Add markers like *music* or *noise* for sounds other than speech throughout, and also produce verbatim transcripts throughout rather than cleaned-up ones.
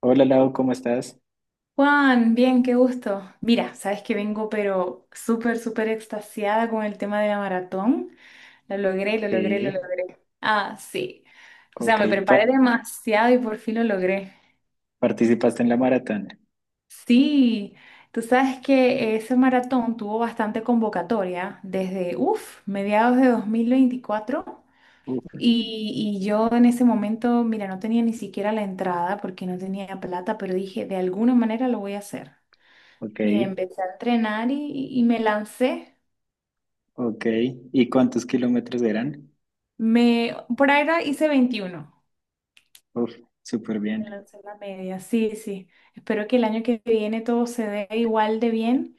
Hola Lau, ¿cómo estás? Juan, bien, qué gusto. Mira, sabes que vengo pero súper, súper extasiada con el tema de la maratón. Lo logré, lo logré, lo Sí, logré. Ah, sí. O sea, ok. me pa- preparé demasiado y por fin lo logré. ¿Participaste en la maratón? Sí, tú sabes que ese maratón tuvo bastante convocatoria desde, uff, mediados de dos mil veinticuatro. Uf, Y, y yo en ese momento, mira, no tenía ni siquiera la entrada porque no tenía plata, pero dije, de alguna manera lo voy a hacer. ok, Mira, empecé a entrenar y, y me lancé. ok. ¿Y cuántos kilómetros eran? Me, por ahora hice veintiuno. Uf, súper Me bien. lancé la media, sí, sí. Espero que el año que viene todo se dé igual de bien.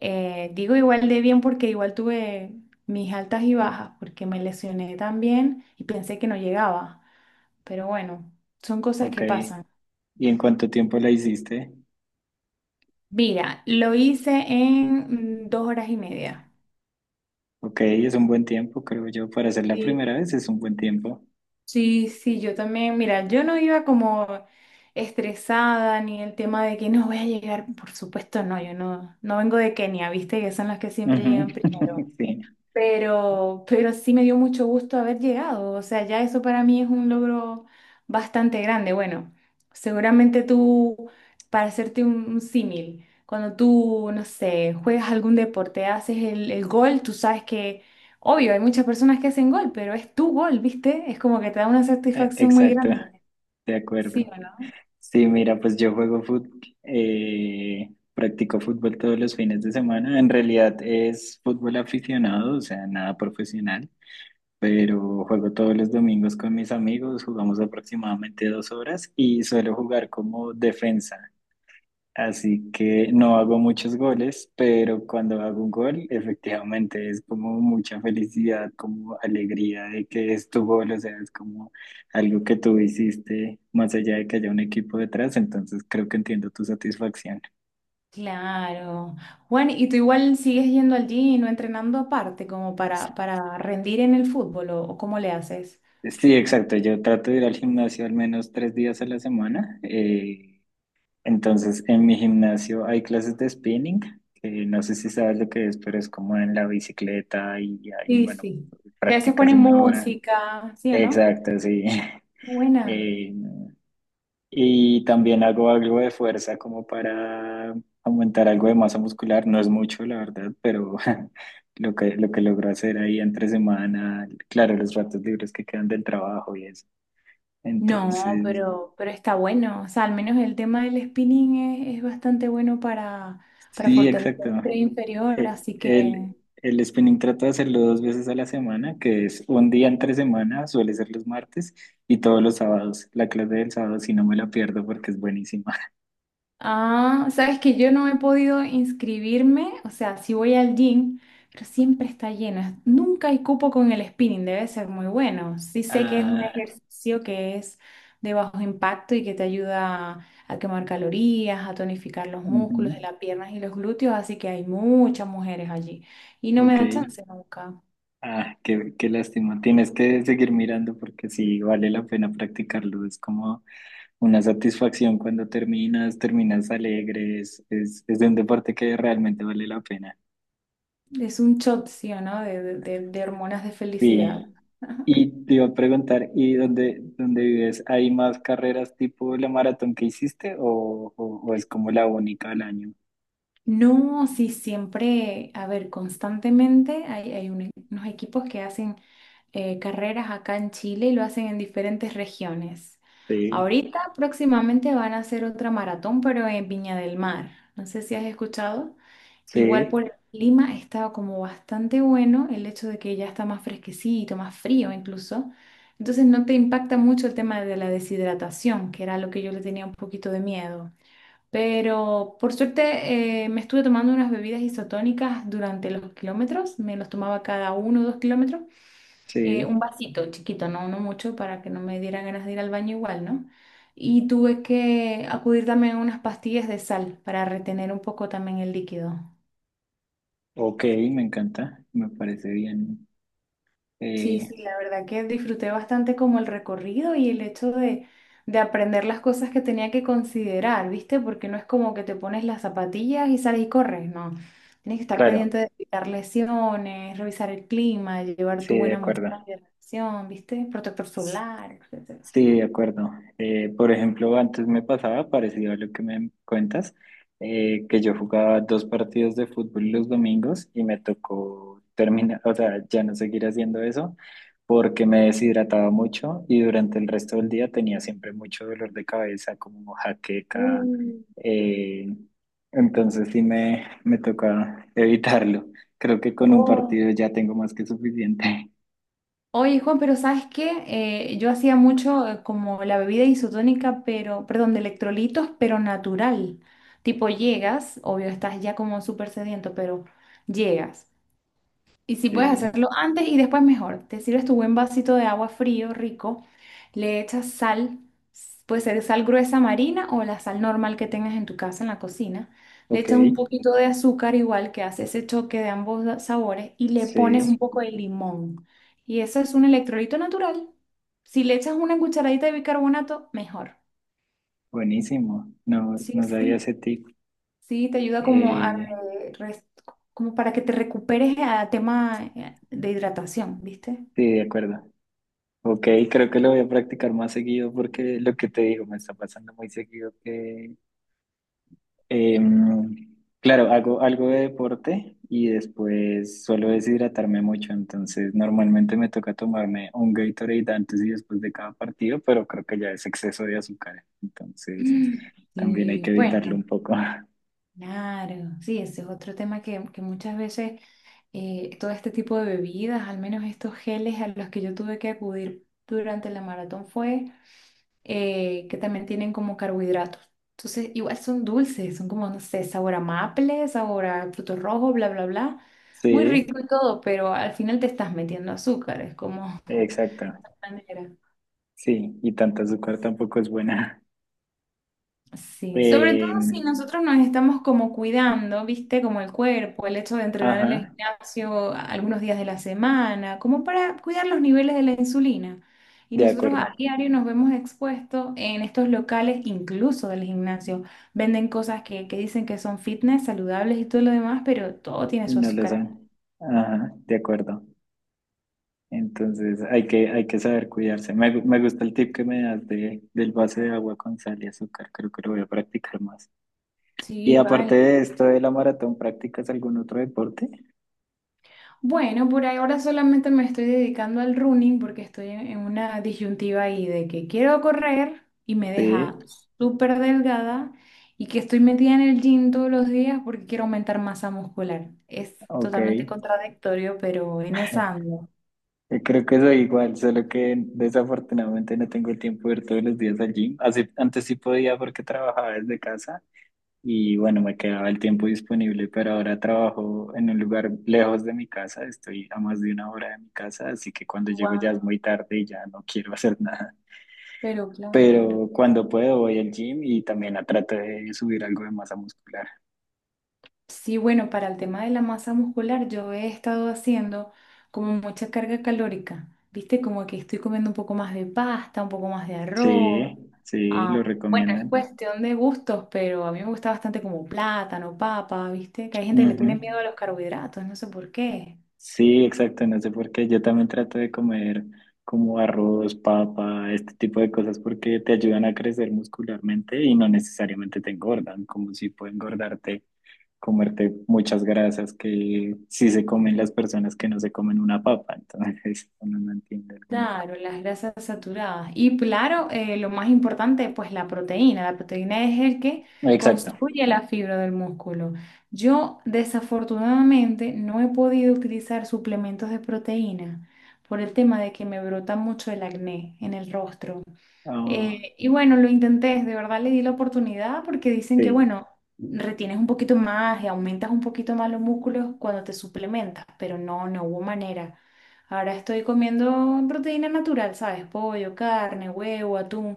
Eh, digo igual de bien porque igual tuve mis altas y bajas, porque me lesioné también y pensé que no llegaba. Pero bueno, son cosas Ok. que pasan. ¿Y en cuánto tiempo la hiciste? Mira, lo hice en mm, dos horas y media. Ok, es un buen tiempo, creo yo. Para hacer la Sí. primera vez es un buen tiempo. Sí, sí, yo también, mira, yo no iba como estresada ni el tema de que no voy a llegar, por supuesto no, yo no, no vengo de Kenia, viste que son las que siempre Ujú, llegan primero. *laughs* sí, Pero, pero sí me dio mucho gusto haber llegado. O sea, ya eso para mí es un logro bastante grande. Bueno, seguramente tú, para hacerte un, un símil, cuando tú, no sé, juegas algún deporte, haces el, el gol, tú sabes que, obvio, hay muchas personas que hacen gol, pero es tu gol, ¿viste? Es como que te da una e- satisfacción muy exacto, grande. de ¿Sí acuerdo. o no? Sí, mira, pues yo juego fútbol, eh, practico fútbol todos los fines de semana. En realidad es fútbol aficionado, o sea, nada profesional, pero juego todos los domingos con mis amigos, jugamos aproximadamente dos horas y suelo jugar como defensa. Así que no hago muchos goles, pero cuando hago un gol, efectivamente es como mucha felicidad, como alegría de que es tu gol, o sea, es como algo que tú hiciste, más allá de que haya un equipo detrás, entonces creo que entiendo tu satisfacción. Claro. Juan, ¿y tú igual sigues yendo al gym o entrenando aparte como para, para rendir en el fútbol o o cómo le haces? Sí, exacto. Yo trato de ir al gimnasio al menos tres días a la semana. eh, Entonces, en mi gimnasio hay clases de spinning, que no sé si sabes lo que es, pero es como en la bicicleta y hay, Sí, bueno, sí. Que a veces prácticas ponen una hora. música, ¿sí o no? Exacto, sí. *laughs* Buena. Eh, y también hago algo de fuerza como para aumentar algo de masa muscular. No es mucho, la verdad, pero *laughs* lo que, lo que logro hacer ahí entre semana, claro, los ratos libres que quedan del trabajo y eso. No, Entonces, pero, pero está bueno. O sea, al menos el tema del spinning es, es bastante bueno para, para sí, fortalecer exacto. el tren inferior, Eh, así El, que... el spinning trato de hacerlo dos veces a la semana, que es un día entre semana, suele ser los martes y todos los sábados. La clase del sábado si no me la pierdo porque es buenísima. *laughs* Ah, sabes que yo no he podido inscribirme, o sea, sí voy al gym, pero siempre está llena. Nunca hay cupo con el spinning, debe ser muy bueno. Sí sé que es un Ah, ejercicio que es de bajo impacto y que te ayuda a quemar calorías, a tonificar los ujú, músculos de las piernas y los glúteos, así que hay muchas mujeres allí. Y no me ok. da chance nunca. Ah, qué, qué lástima. Tienes que seguir mirando porque sí vale la pena practicarlo. Es como una satisfacción cuando terminas, terminas alegres. Es, es es de un deporte que realmente vale la pena. Es un shot, ¿sí o no?, de, de de- de hormonas de felicidad. Sí. Y te iba a preguntar, ¿y dónde, dónde vives? ¿Hay más carreras tipo la maratón que hiciste o, o- o es como la única al año? No, sí, siempre, a ver, constantemente hay, hay un- unos equipos que hacen eh, carreras acá en Chile y lo hacen en diferentes regiones. Sí, Ahorita próximamente van a hacer otra maratón, pero en Viña del Mar. No sé si has escuchado. Igual por sí, el clima está como bastante bueno el hecho de que ya está más fresquecito, más frío incluso. Entonces no te impacta mucho el tema de la deshidratación, que era lo que yo le tenía un poquito de miedo. Pero por suerte eh, me estuve tomando unas bebidas isotónicas durante los kilómetros, me los tomaba cada uno o dos kilómetros, eh, un sí. vasito chiquito, no, no mucho, para que no me diera ganas de ir al baño igual, ¿no? Y tuve que acudir también a unas pastillas de sal para retener un poco también el líquido. Ok, me encanta, me parece bien. Eh, Sí, sí, la verdad que disfruté bastante como el recorrido y el hecho de, de aprender las cosas que tenía que considerar, ¿viste? Porque no es como que te pones las zapatillas y sales y corres, no. Tienes que estar pendiente claro, de evitar lesiones, revisar el clima, llevar tu sí, de buena acuerdo. mochila de reacción, ¿viste? Protector solar, etcétera. Sí, de acuerdo. Eh, por ejemplo, antes me pasaba parecido a lo que me cuentas, eh, que yo jugaba dos partidos de fútbol los domingos y me tocó terminar, o sea, ya no seguir haciendo eso porque me deshidrataba mucho y durante el resto del día tenía siempre mucho dolor de cabeza, como jaqueca. Mm. eh, entonces sí me, me toca evitarlo. Creo que con un partido ya tengo más que suficiente. *laughs* Oye, Juan, pero ¿sabes qué? Eh, yo hacía mucho eh, como la bebida isotónica, pero, perdón, de electrolitos, pero natural. Tipo, llegas, obvio, estás ya como súper sediento, pero llegas. Y si puedes Sí, hacerlo antes y después mejor. Te sirves tu buen vasito de agua frío, rico, le echas sal, puede ser sal gruesa marina o la sal normal que tengas en tu casa, en la cocina. Le ok, echas un poquito de azúcar igual que hace ese choque de ambos da- sabores y le pones un sí. poco de limón. Y eso es un electrolito natural. Si le echas una cucharadita de bicarbonato, mejor. Buenísimo, no, Sí, no sabía sí, ese tip. sí, te ayuda como a Eh, re- res- como para que te recuperes a tema eh, de hidratación, ¿viste? sí, de acuerdo. Ok, creo que lo voy a practicar más seguido porque lo que te digo me está pasando muy seguido que, em, claro, hago algo de deporte y después suelo deshidratarme mucho, entonces normalmente me toca tomarme un Gatorade antes y después de cada partido, pero creo que ya es exceso de azúcar, entonces *clears throat* también hay que Y evitarlo bueno, un poco. *laughs* claro, sí, ese es otro tema que, que muchas veces eh, todo este tipo de bebidas, al menos estos geles a los que yo tuve que acudir durante la maratón fue eh, que también tienen como carbohidratos. Entonces, igual son dulces, son como, no sé, sabor a maple, sabor a frutos rojos, bla, bla, bla. Muy Sí, rico y todo, pero al final te estás metiendo azúcar, es como... *laughs* exacto. manera. Sí, y tanta azúcar tampoco es buena. Sí, sobre todo Eh, si nosotros nos estamos como cuidando, ¿viste? Como el cuerpo, el hecho de entrenar en el ajá, gimnasio a- algunos días de la semana, como para cuidar los niveles de la insulina. Y de nosotros a acuerdo. diario nos vemos expuestos en estos locales, incluso del gimnasio. Venden cosas que, que dicen que son fitness, saludables y todo lo demás, pero todo tiene Y su no lo azúcar. saben. Ajá, de acuerdo. Entonces hay que, hay que saber cuidarse. Me, gu- me gusta el tip que me das de, del vaso de agua con sal y azúcar. Creo que lo voy a practicar más. Y Sí, aparte vale. de esto de la maratón, ¿practicas algún otro deporte? Bueno, por ahora solamente me estoy dedicando al running porque estoy en en una disyuntiva ahí de que quiero correr y me deja Sí, súper delgada y que estoy metida en el gym todos los días porque quiero aumentar masa muscular. Es ok. totalmente contradictorio, pero en esa *laughs* ando. Yo creo que soy igual, solo que desafortunadamente no tengo el tiempo de ir todos los días al gym. Así, antes sí podía porque trabajaba desde casa y bueno, me quedaba el tiempo disponible, pero ahora trabajo en un lugar lejos de mi casa, estoy a más de una hora de mi casa, así que cuando llego ya es Wow. muy tarde y ya no quiero *laughs* hacer nada. Pero claro. Pero cuando puedo voy al gym y también a trato de subir algo de masa muscular. Sí, bueno, para el tema de la masa muscular, yo he estado haciendo como mucha carga calórica, ¿viste? Como que estoy comiendo un poco más de pasta, un poco más de Sí, arroz. sí, lo Ah, bueno, es recomiendan. cuestión de gustos, pero a mí me gusta bastante como plátano, papa, ¿viste? Que hay gente que le Ujú. tiene miedo a los carbohidratos, no sé por qué. Sí, exacto, no sé por qué. Yo también trato de comer como arroz, papa, este tipo de cosas porque te ayudan a crecer muscularmente y no necesariamente te engordan, como si puede engordarte comerte muchas grasas que sí se comen las personas que no se comen una papa, entonces *laughs* uno no entiende algunas Claro, cosas. las grasas saturadas. Y claro, eh, lo más importante, pues la proteína. La proteína es el que Exacto. construye la fibra del músculo. Yo desafortunadamente no he podido utilizar suplementos de proteína por el tema de que me brota mucho el acné en el rostro. Ah, Eh, y bueno, lo intenté, de verdad le di la oportunidad porque dicen que, sí, bueno, retienes un poquito más y aumentas un poquito más los músculos cuando te suplementas, pero no, no hubo manera. Ahora estoy comiendo proteína natural, ¿sabes? Pollo, carne, huevo, atún,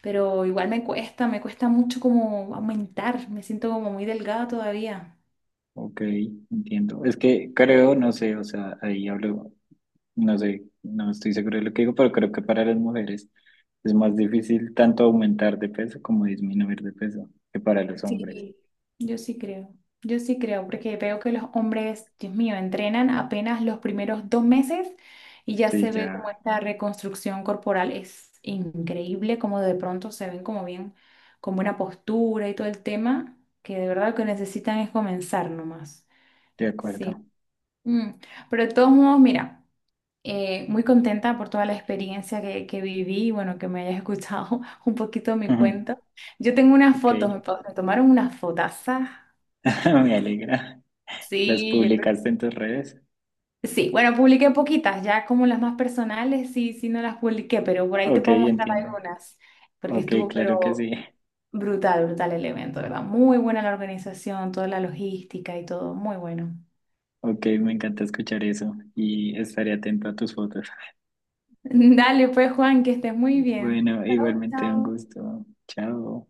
pero igual me cuesta, me cuesta mucho como aumentar, me siento como muy delgada todavía. ok, entiendo. Es que creo, no sé, o sea, ahí hablo, no sé, no estoy seguro de lo que digo, pero creo que para las mujeres es más difícil tanto aumentar de peso como disminuir de peso que para los hombres. Sí. Yo sí creo, yo sí creo, porque veo que los hombres, Dios mío, entrenan apenas los primeros dos meses y ya Sí, se ve como ya, esta reconstrucción corporal es increíble, como de pronto se ven como bien, con buena postura y todo el tema, que de verdad lo que necesitan es comenzar nomás. de Sí. acuerdo. Mm. Pero de todos modos, mira, eh, muy contenta por toda la experiencia que, que viví y bueno, que me hayas escuchado *laughs* un poquito mi Ujú, cuento. Yo tengo unas ok, fotos, me, pa- me tomaron unas fotazas. *laughs* me alegra. ¿Las Sí, yo creo. que- publicaste en tus redes? Sí, bueno, publiqué poquitas, ya como las más personales, sí, sí no las publiqué, pero por ahí te Ok, puedo mostrar entiendo. algunas, porque Ok, estuvo claro que sí. pero brutal, brutal el evento, ¿verdad? Muy buena la organización, toda la logística y todo, muy bueno. Ok, me encanta escuchar eso y estaré atento a tus fotos. *laughs* Dale, pues Juan, que estés muy bien. Bueno, Chao, igualmente un chao. gusto. Chao.